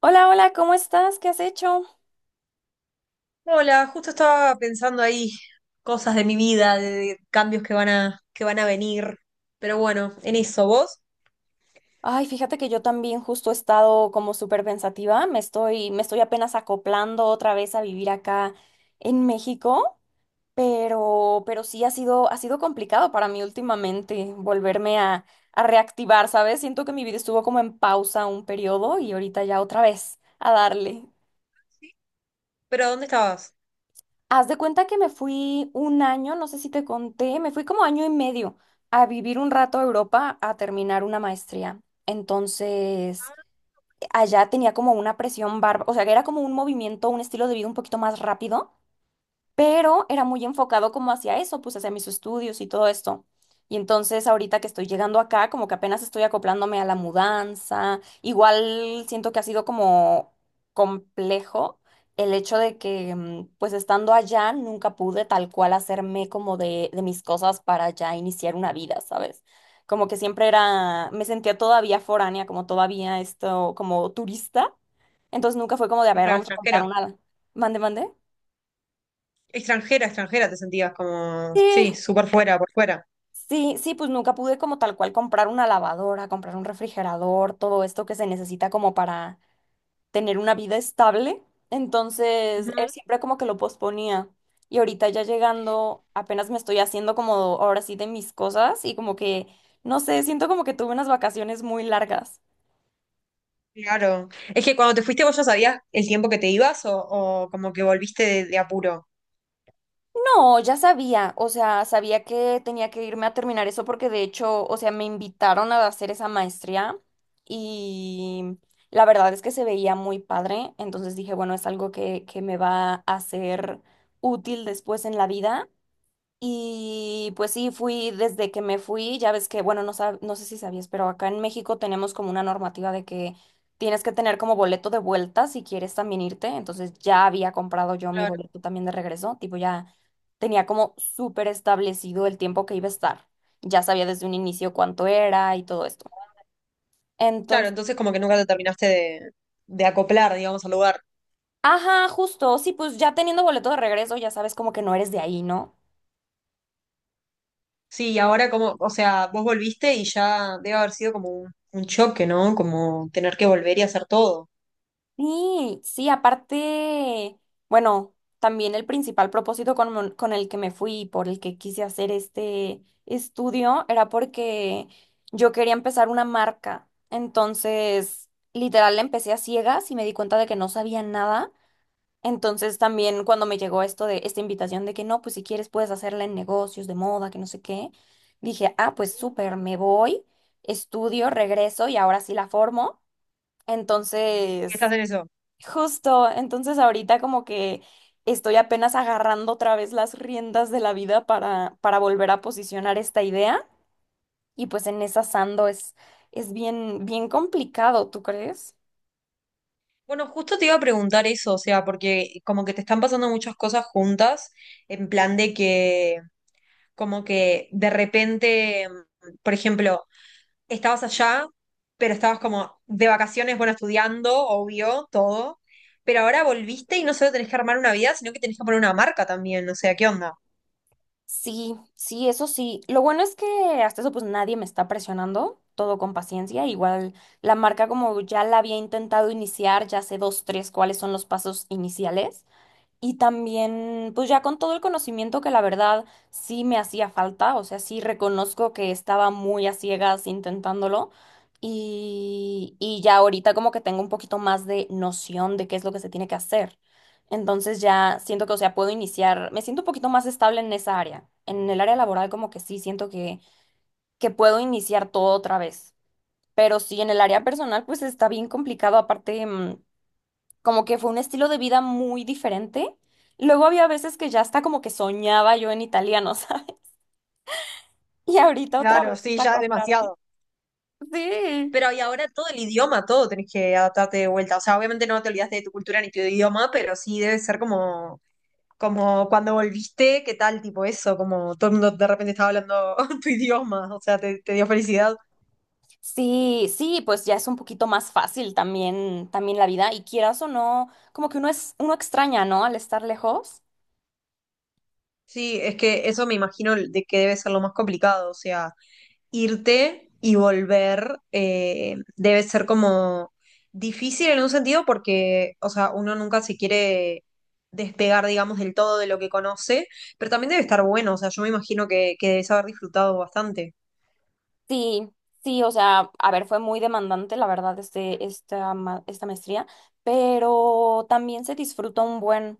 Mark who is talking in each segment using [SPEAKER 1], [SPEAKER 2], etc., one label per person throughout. [SPEAKER 1] Hola, hola, ¿cómo estás? ¿Qué has hecho?
[SPEAKER 2] Hola, justo estaba pensando ahí cosas de mi vida, de cambios que van a venir. Pero bueno, en eso, ¿vos?
[SPEAKER 1] Ay, fíjate que yo también justo he estado como súper pensativa. Me estoy apenas acoplando otra vez a vivir acá en México, pero sí ha sido complicado para mí últimamente volverme a reactivar, ¿sabes? Siento que mi vida estuvo como en pausa un periodo y ahorita ya otra vez a darle.
[SPEAKER 2] ¿Pero dónde estabas?
[SPEAKER 1] Haz de cuenta que me fui un año, no sé si te conté, me fui como año y medio a vivir un rato a Europa a terminar una maestría. Entonces,
[SPEAKER 2] Ah.
[SPEAKER 1] allá tenía como una presión barba, o sea, que era como un movimiento, un estilo de vida un poquito más rápido, pero era muy enfocado como hacia eso, pues hacia mis estudios y todo esto. Y entonces ahorita que estoy llegando acá, como que apenas estoy acoplándome a la mudanza, igual siento que ha sido como complejo el hecho de que, pues estando allá, nunca pude tal cual hacerme como de mis cosas para ya iniciar una vida, ¿sabes? Como que siempre era, me sentía todavía foránea, como todavía esto, como turista. Entonces nunca fue como de, a
[SPEAKER 2] Sí,
[SPEAKER 1] ver,
[SPEAKER 2] claro,
[SPEAKER 1] vamos a comprar
[SPEAKER 2] extranjera.
[SPEAKER 1] una... Mande, mande.
[SPEAKER 2] Extranjera, extranjera, te sentías como, sí,
[SPEAKER 1] Sí,
[SPEAKER 2] súper fuera, por fuera.
[SPEAKER 1] sí, sí, pues nunca pude como tal cual comprar una lavadora, comprar un refrigerador, todo esto que se necesita como para tener una vida estable. Entonces, él
[SPEAKER 2] Ujú.
[SPEAKER 1] siempre como que lo posponía. Y ahorita ya llegando, apenas me estoy haciendo como ahora sí de mis cosas y como que, no sé, siento como que tuve unas vacaciones muy largas.
[SPEAKER 2] Claro. Es que cuando te fuiste vos ya sabías el tiempo que te ibas o como que volviste de apuro.
[SPEAKER 1] No, ya sabía, o sea, sabía que tenía que irme a terminar eso porque de hecho, o sea, me invitaron a hacer esa maestría y la verdad es que se veía muy padre, entonces dije, bueno, es algo que me va a ser útil después en la vida. Y pues sí, fui desde que me fui, ya ves que, bueno, no sé si sabías, pero acá en México tenemos como una normativa de que tienes que tener como boleto de vuelta si quieres también irte. Entonces ya había comprado yo mi
[SPEAKER 2] Claro.
[SPEAKER 1] boleto también de regreso, tipo ya tenía como súper establecido el tiempo que iba a estar. Ya sabía desde un inicio cuánto era y todo esto.
[SPEAKER 2] Claro,
[SPEAKER 1] Entonces,
[SPEAKER 2] entonces como que nunca te terminaste de acoplar, digamos, al lugar.
[SPEAKER 1] ajá, justo, sí, pues ya teniendo boleto de regreso, ya sabes como que no eres de ahí, ¿no?
[SPEAKER 2] Sí, y ahora como, o sea, vos volviste y ya debe haber sido como un choque, ¿no? Como tener que volver y hacer todo.
[SPEAKER 1] Sí, sí, aparte, bueno, también el principal propósito con, con el que me fui, y por el que quise hacer este estudio, era porque yo quería empezar una marca. Entonces, literal, la empecé a ciegas y me di cuenta de que no sabía nada. Entonces, también cuando me llegó esto de esta invitación de que no, pues si quieres puedes hacerla en negocios de moda, que no sé qué, dije, ah, pues súper, me voy, estudio, regreso y ahora sí la formo.
[SPEAKER 2] ¿Qué estás
[SPEAKER 1] Entonces...
[SPEAKER 2] en eso?
[SPEAKER 1] Justo, entonces ahorita como que estoy apenas agarrando otra vez las riendas de la vida para volver a posicionar esta idea y pues en esa ando es bien, bien complicado, ¿tú crees?
[SPEAKER 2] Bueno, justo te iba a preguntar eso, o sea, porque como que te están pasando muchas cosas juntas, en plan de que, como que de repente, por ejemplo, estabas allá, pero estabas como de vacaciones, bueno, estudiando, obvio, todo, pero ahora volviste y no solo tenés que armar una vida, sino que tenés que poner una marca también, o sea, ¿qué onda?
[SPEAKER 1] Sí, sí, eso sí. Lo bueno es que hasta eso pues nadie me está presionando, todo con paciencia. Igual la marca como ya la había intentado iniciar, ya sé dos, tres cuáles son los pasos iniciales. Y también, pues ya con todo el conocimiento que la verdad sí me hacía falta, o sea, sí reconozco que estaba muy a ciegas intentándolo y ya ahorita como que tengo un poquito más de noción de qué es lo que se tiene que hacer. Entonces ya siento que, o sea, puedo iniciar, me siento un poquito más estable en esa área. En el área laboral como que sí siento que puedo iniciar todo otra vez. Pero sí, en el área personal pues está bien complicado, aparte... como que fue un estilo de vida muy diferente. Luego había veces que ya hasta como que soñaba yo en italiano, ¿sabes? Y ahorita otra vez
[SPEAKER 2] Claro,
[SPEAKER 1] es
[SPEAKER 2] sí, ya
[SPEAKER 1] acoplarme.
[SPEAKER 2] demasiado.
[SPEAKER 1] Sí.
[SPEAKER 2] Pero y ahora todo el idioma, todo tenés que adaptarte de vuelta. O sea, obviamente no te olvidaste de tu cultura ni tu idioma, pero sí debe ser como, como cuando volviste, ¿qué tal? Tipo eso, como todo el mundo de repente estaba hablando tu idioma, o sea, te dio felicidad.
[SPEAKER 1] Sí, sí, pues ya es un poquito más fácil también, también la vida. Y quieras o no, como que uno es, uno extraña, ¿no? Al estar lejos.
[SPEAKER 2] Sí, es que eso me imagino de que debe ser lo más complicado, o sea. Irte y volver, debe ser como difícil en un sentido porque, o sea, uno nunca se quiere despegar, digamos, del todo de lo que conoce, pero también debe estar bueno, o sea, yo me imagino que debes haber disfrutado bastante.
[SPEAKER 1] Sí, sí, o sea, a ver, fue muy demandante, la verdad, este, esta, esta maestría, pero también se disfruta un buen.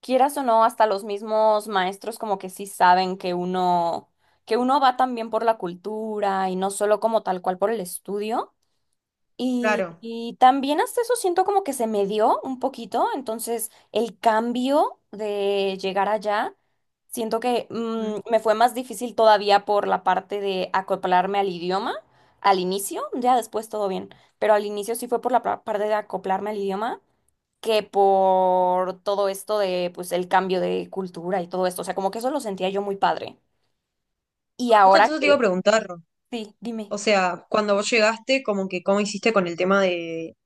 [SPEAKER 1] Quieras o no, hasta los mismos maestros como que sí saben que uno va también por la cultura y no solo como tal cual por el estudio. Y,
[SPEAKER 2] Claro.
[SPEAKER 1] y también hasta eso siento como que se me dio un poquito, entonces el cambio de llegar allá, siento que
[SPEAKER 2] Mm.
[SPEAKER 1] me fue más difícil todavía por la parte de acoplarme al idioma. Al inicio, ya después todo bien, pero al inicio sí fue por la parte de acoplarme al idioma que por todo esto de, pues, el cambio de cultura y todo esto. O sea, como que eso lo sentía yo muy padre. Y
[SPEAKER 2] Bueno, justo
[SPEAKER 1] ahora
[SPEAKER 2] eso te iba a
[SPEAKER 1] que,
[SPEAKER 2] preguntar,
[SPEAKER 1] sí, dime.
[SPEAKER 2] o sea, cuando vos llegaste, como que, ¿cómo hiciste con el tema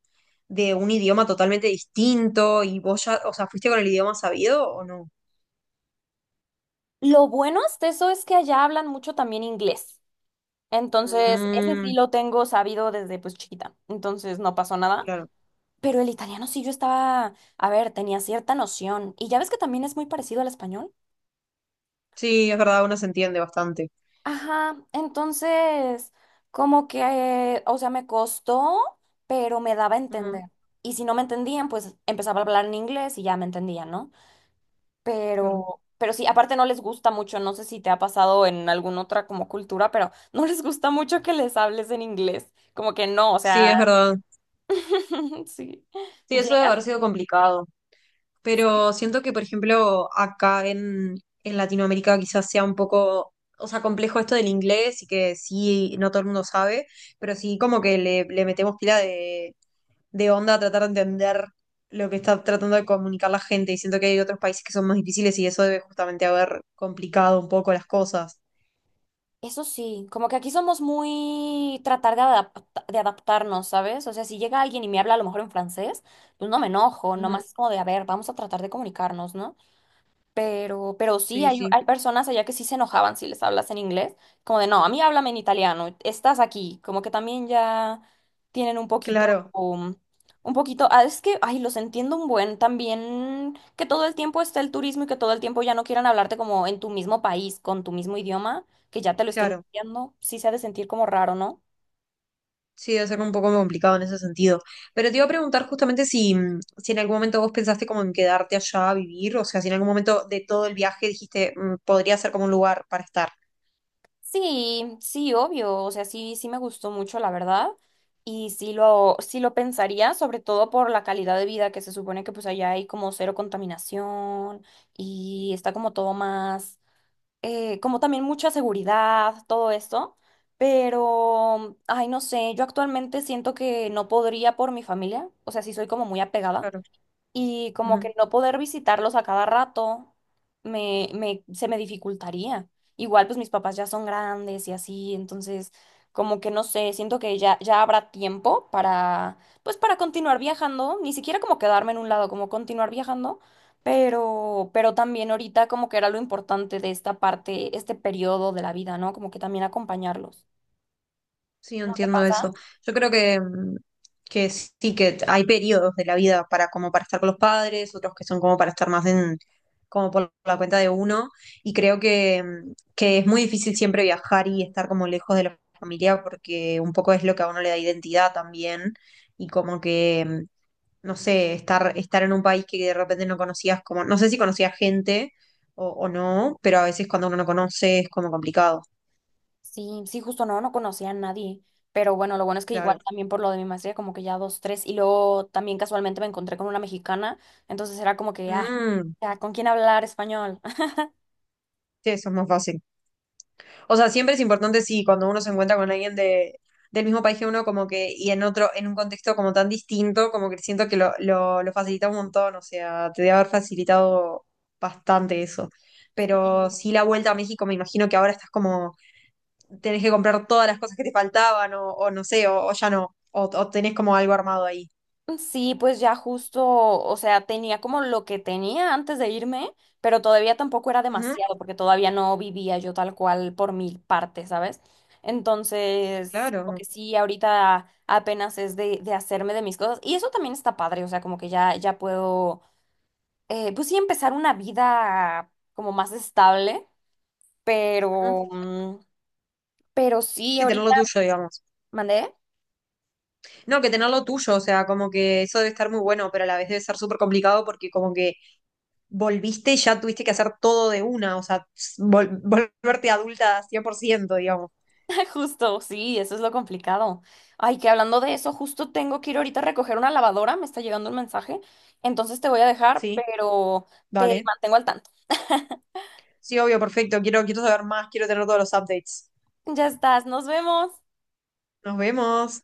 [SPEAKER 2] de un idioma totalmente distinto y vos ya, o sea, fuiste con el idioma sabido o no?
[SPEAKER 1] Lo bueno hasta eso es que allá hablan mucho también inglés. Entonces, ese sí
[SPEAKER 2] Mm,
[SPEAKER 1] lo tengo sabido desde pues chiquita. Entonces, no pasó nada.
[SPEAKER 2] claro.
[SPEAKER 1] Pero el italiano sí yo estaba, a ver, tenía cierta noción. Y ya ves que también es muy parecido al español.
[SPEAKER 2] Sí, es verdad, uno se entiende bastante.
[SPEAKER 1] Ajá, entonces, como que, o sea, me costó, pero me daba a
[SPEAKER 2] Ujú.
[SPEAKER 1] entender. Y si no me entendían, pues empezaba a hablar en inglés y ya me entendían, ¿no?
[SPEAKER 2] Claro.
[SPEAKER 1] Pero sí, aparte no les gusta mucho, no sé si te ha pasado en alguna otra como cultura, pero no les gusta mucho que les hables en inglés. Como que no, o
[SPEAKER 2] Sí,
[SPEAKER 1] sea,
[SPEAKER 2] es verdad.
[SPEAKER 1] sí.
[SPEAKER 2] Sí, eso debe
[SPEAKER 1] Llegan
[SPEAKER 2] haber sido complicado. Pero siento que, por ejemplo, en Latinoamérica quizás sea un poco, o sea, complejo esto del inglés y que sí, no todo el mundo sabe, pero sí como que le metemos pila de onda a tratar de entender lo que está tratando de comunicar la gente. Y siento que hay otros países que son más difíciles y eso debe justamente haber complicado un poco las cosas.
[SPEAKER 1] eso sí, como que aquí somos muy tratar de de adaptarnos, ¿sabes? O sea, si llega alguien y me habla a lo mejor en francés, pues no me enojo,
[SPEAKER 2] Ujú.
[SPEAKER 1] nomás es como de, a ver, vamos a tratar de comunicarnos, ¿no? Pero sí,
[SPEAKER 2] Sí,
[SPEAKER 1] hay,
[SPEAKER 2] sí.
[SPEAKER 1] hay personas allá que sí se enojaban si les hablas en inglés, como de, no, a mí háblame en italiano, estás aquí, como que también ya tienen un poquito,
[SPEAKER 2] Claro,
[SPEAKER 1] un poquito, ah, es que, ay, los entiendo un buen, también que todo el tiempo esté el turismo y que todo el tiempo ya no quieran hablarte como en tu mismo país, con tu mismo idioma, que ya te lo estén
[SPEAKER 2] claro.
[SPEAKER 1] copiando, sí se ha de sentir como raro, ¿no?
[SPEAKER 2] Sí, debe ser un poco complicado en ese sentido. Pero te iba a preguntar justamente si, si en algún momento vos pensaste como en quedarte allá a vivir, o sea, si en algún momento de todo el viaje dijiste, podría ser como un lugar para estar.
[SPEAKER 1] Sí, sí, obvio, o sea, sí, sí me gustó mucho, la verdad, y sí lo pensaría, sobre todo por la calidad de vida que se supone que pues allá hay como cero contaminación y está como todo más, como también mucha seguridad, todo esto, pero, ay, no sé, yo actualmente siento que no podría por mi familia, o sea, sí soy como muy apegada,
[SPEAKER 2] Claro.
[SPEAKER 1] y como que no poder visitarlos a cada rato se me dificultaría. Igual pues mis papás ya son grandes y así, entonces como que no sé, siento que ya, ya habrá tiempo para pues para continuar viajando, ni siquiera como quedarme en un lado, como continuar viajando, pero también ahorita como que era lo importante de esta parte, este periodo de la vida, ¿no? Como que también acompañarlos.
[SPEAKER 2] Sí,
[SPEAKER 1] ¿No te
[SPEAKER 2] entiendo
[SPEAKER 1] pasa?
[SPEAKER 2] eso. Yo creo que, que sí que hay periodos de la vida para como para estar con los padres, otros que son como para estar más en, como por la cuenta de uno, y creo que, que es muy difícil siempre viajar y estar como lejos de la familia porque un poco es lo que a uno le da identidad también, y como que, no sé, estar en un país que de repente no conocías, como, no sé si conocías gente o no, pero a veces cuando uno no conoce es como complicado.
[SPEAKER 1] Sí, sí, justo no, no conocía a nadie. Pero bueno, lo bueno es que
[SPEAKER 2] Claro.
[SPEAKER 1] igual también por lo de mi maestría, como que ya dos, tres. Y luego también casualmente me encontré con una mexicana. Entonces era como que, ah,
[SPEAKER 2] Mm,
[SPEAKER 1] ya, ¿con quién hablar español?
[SPEAKER 2] sí, eso es más fácil. O sea, siempre es importante, sí, cuando uno se encuentra con alguien de, del mismo país que uno, como que, y en otro, en un contexto como tan distinto, como que siento que lo facilita un montón, o sea, te debe haber facilitado bastante eso. Pero
[SPEAKER 1] Sí.
[SPEAKER 2] sí, la vuelta a México, me imagino que ahora estás como, tenés que comprar todas las cosas que te faltaban, o no sé, o ya no, o tenés como algo armado ahí.
[SPEAKER 1] Sí, pues ya justo, o sea, tenía como lo que tenía antes de irme, pero todavía tampoco era
[SPEAKER 2] Ujú,
[SPEAKER 1] demasiado, porque todavía no vivía yo tal cual por mi parte, ¿sabes? Entonces, como
[SPEAKER 2] claro.
[SPEAKER 1] que sí, ahorita apenas es de hacerme de mis cosas, y eso también está padre, o sea, como que ya, ya puedo pues sí, empezar una vida como más estable,
[SPEAKER 2] Ujú.
[SPEAKER 1] pero, pero sí,
[SPEAKER 2] Sí, tener
[SPEAKER 1] ahorita
[SPEAKER 2] lo tuyo, digamos.
[SPEAKER 1] mandé.
[SPEAKER 2] No, que tener lo tuyo, o sea, como que eso debe estar muy bueno, pero a la vez debe ser súper complicado porque como que volviste y ya tuviste que hacer todo de una, o sea, volverte adulta 100%, digamos.
[SPEAKER 1] Justo, sí, eso es lo complicado. Ay, que hablando de eso, justo tengo que ir ahorita a recoger una lavadora, me está llegando un mensaje, entonces te voy a dejar,
[SPEAKER 2] Sí,
[SPEAKER 1] pero te
[SPEAKER 2] vale.
[SPEAKER 1] mantengo al tanto.
[SPEAKER 2] Sí, obvio, perfecto. Quiero saber más, quiero tener todos los updates.
[SPEAKER 1] Ya estás, nos vemos.
[SPEAKER 2] Nos vemos.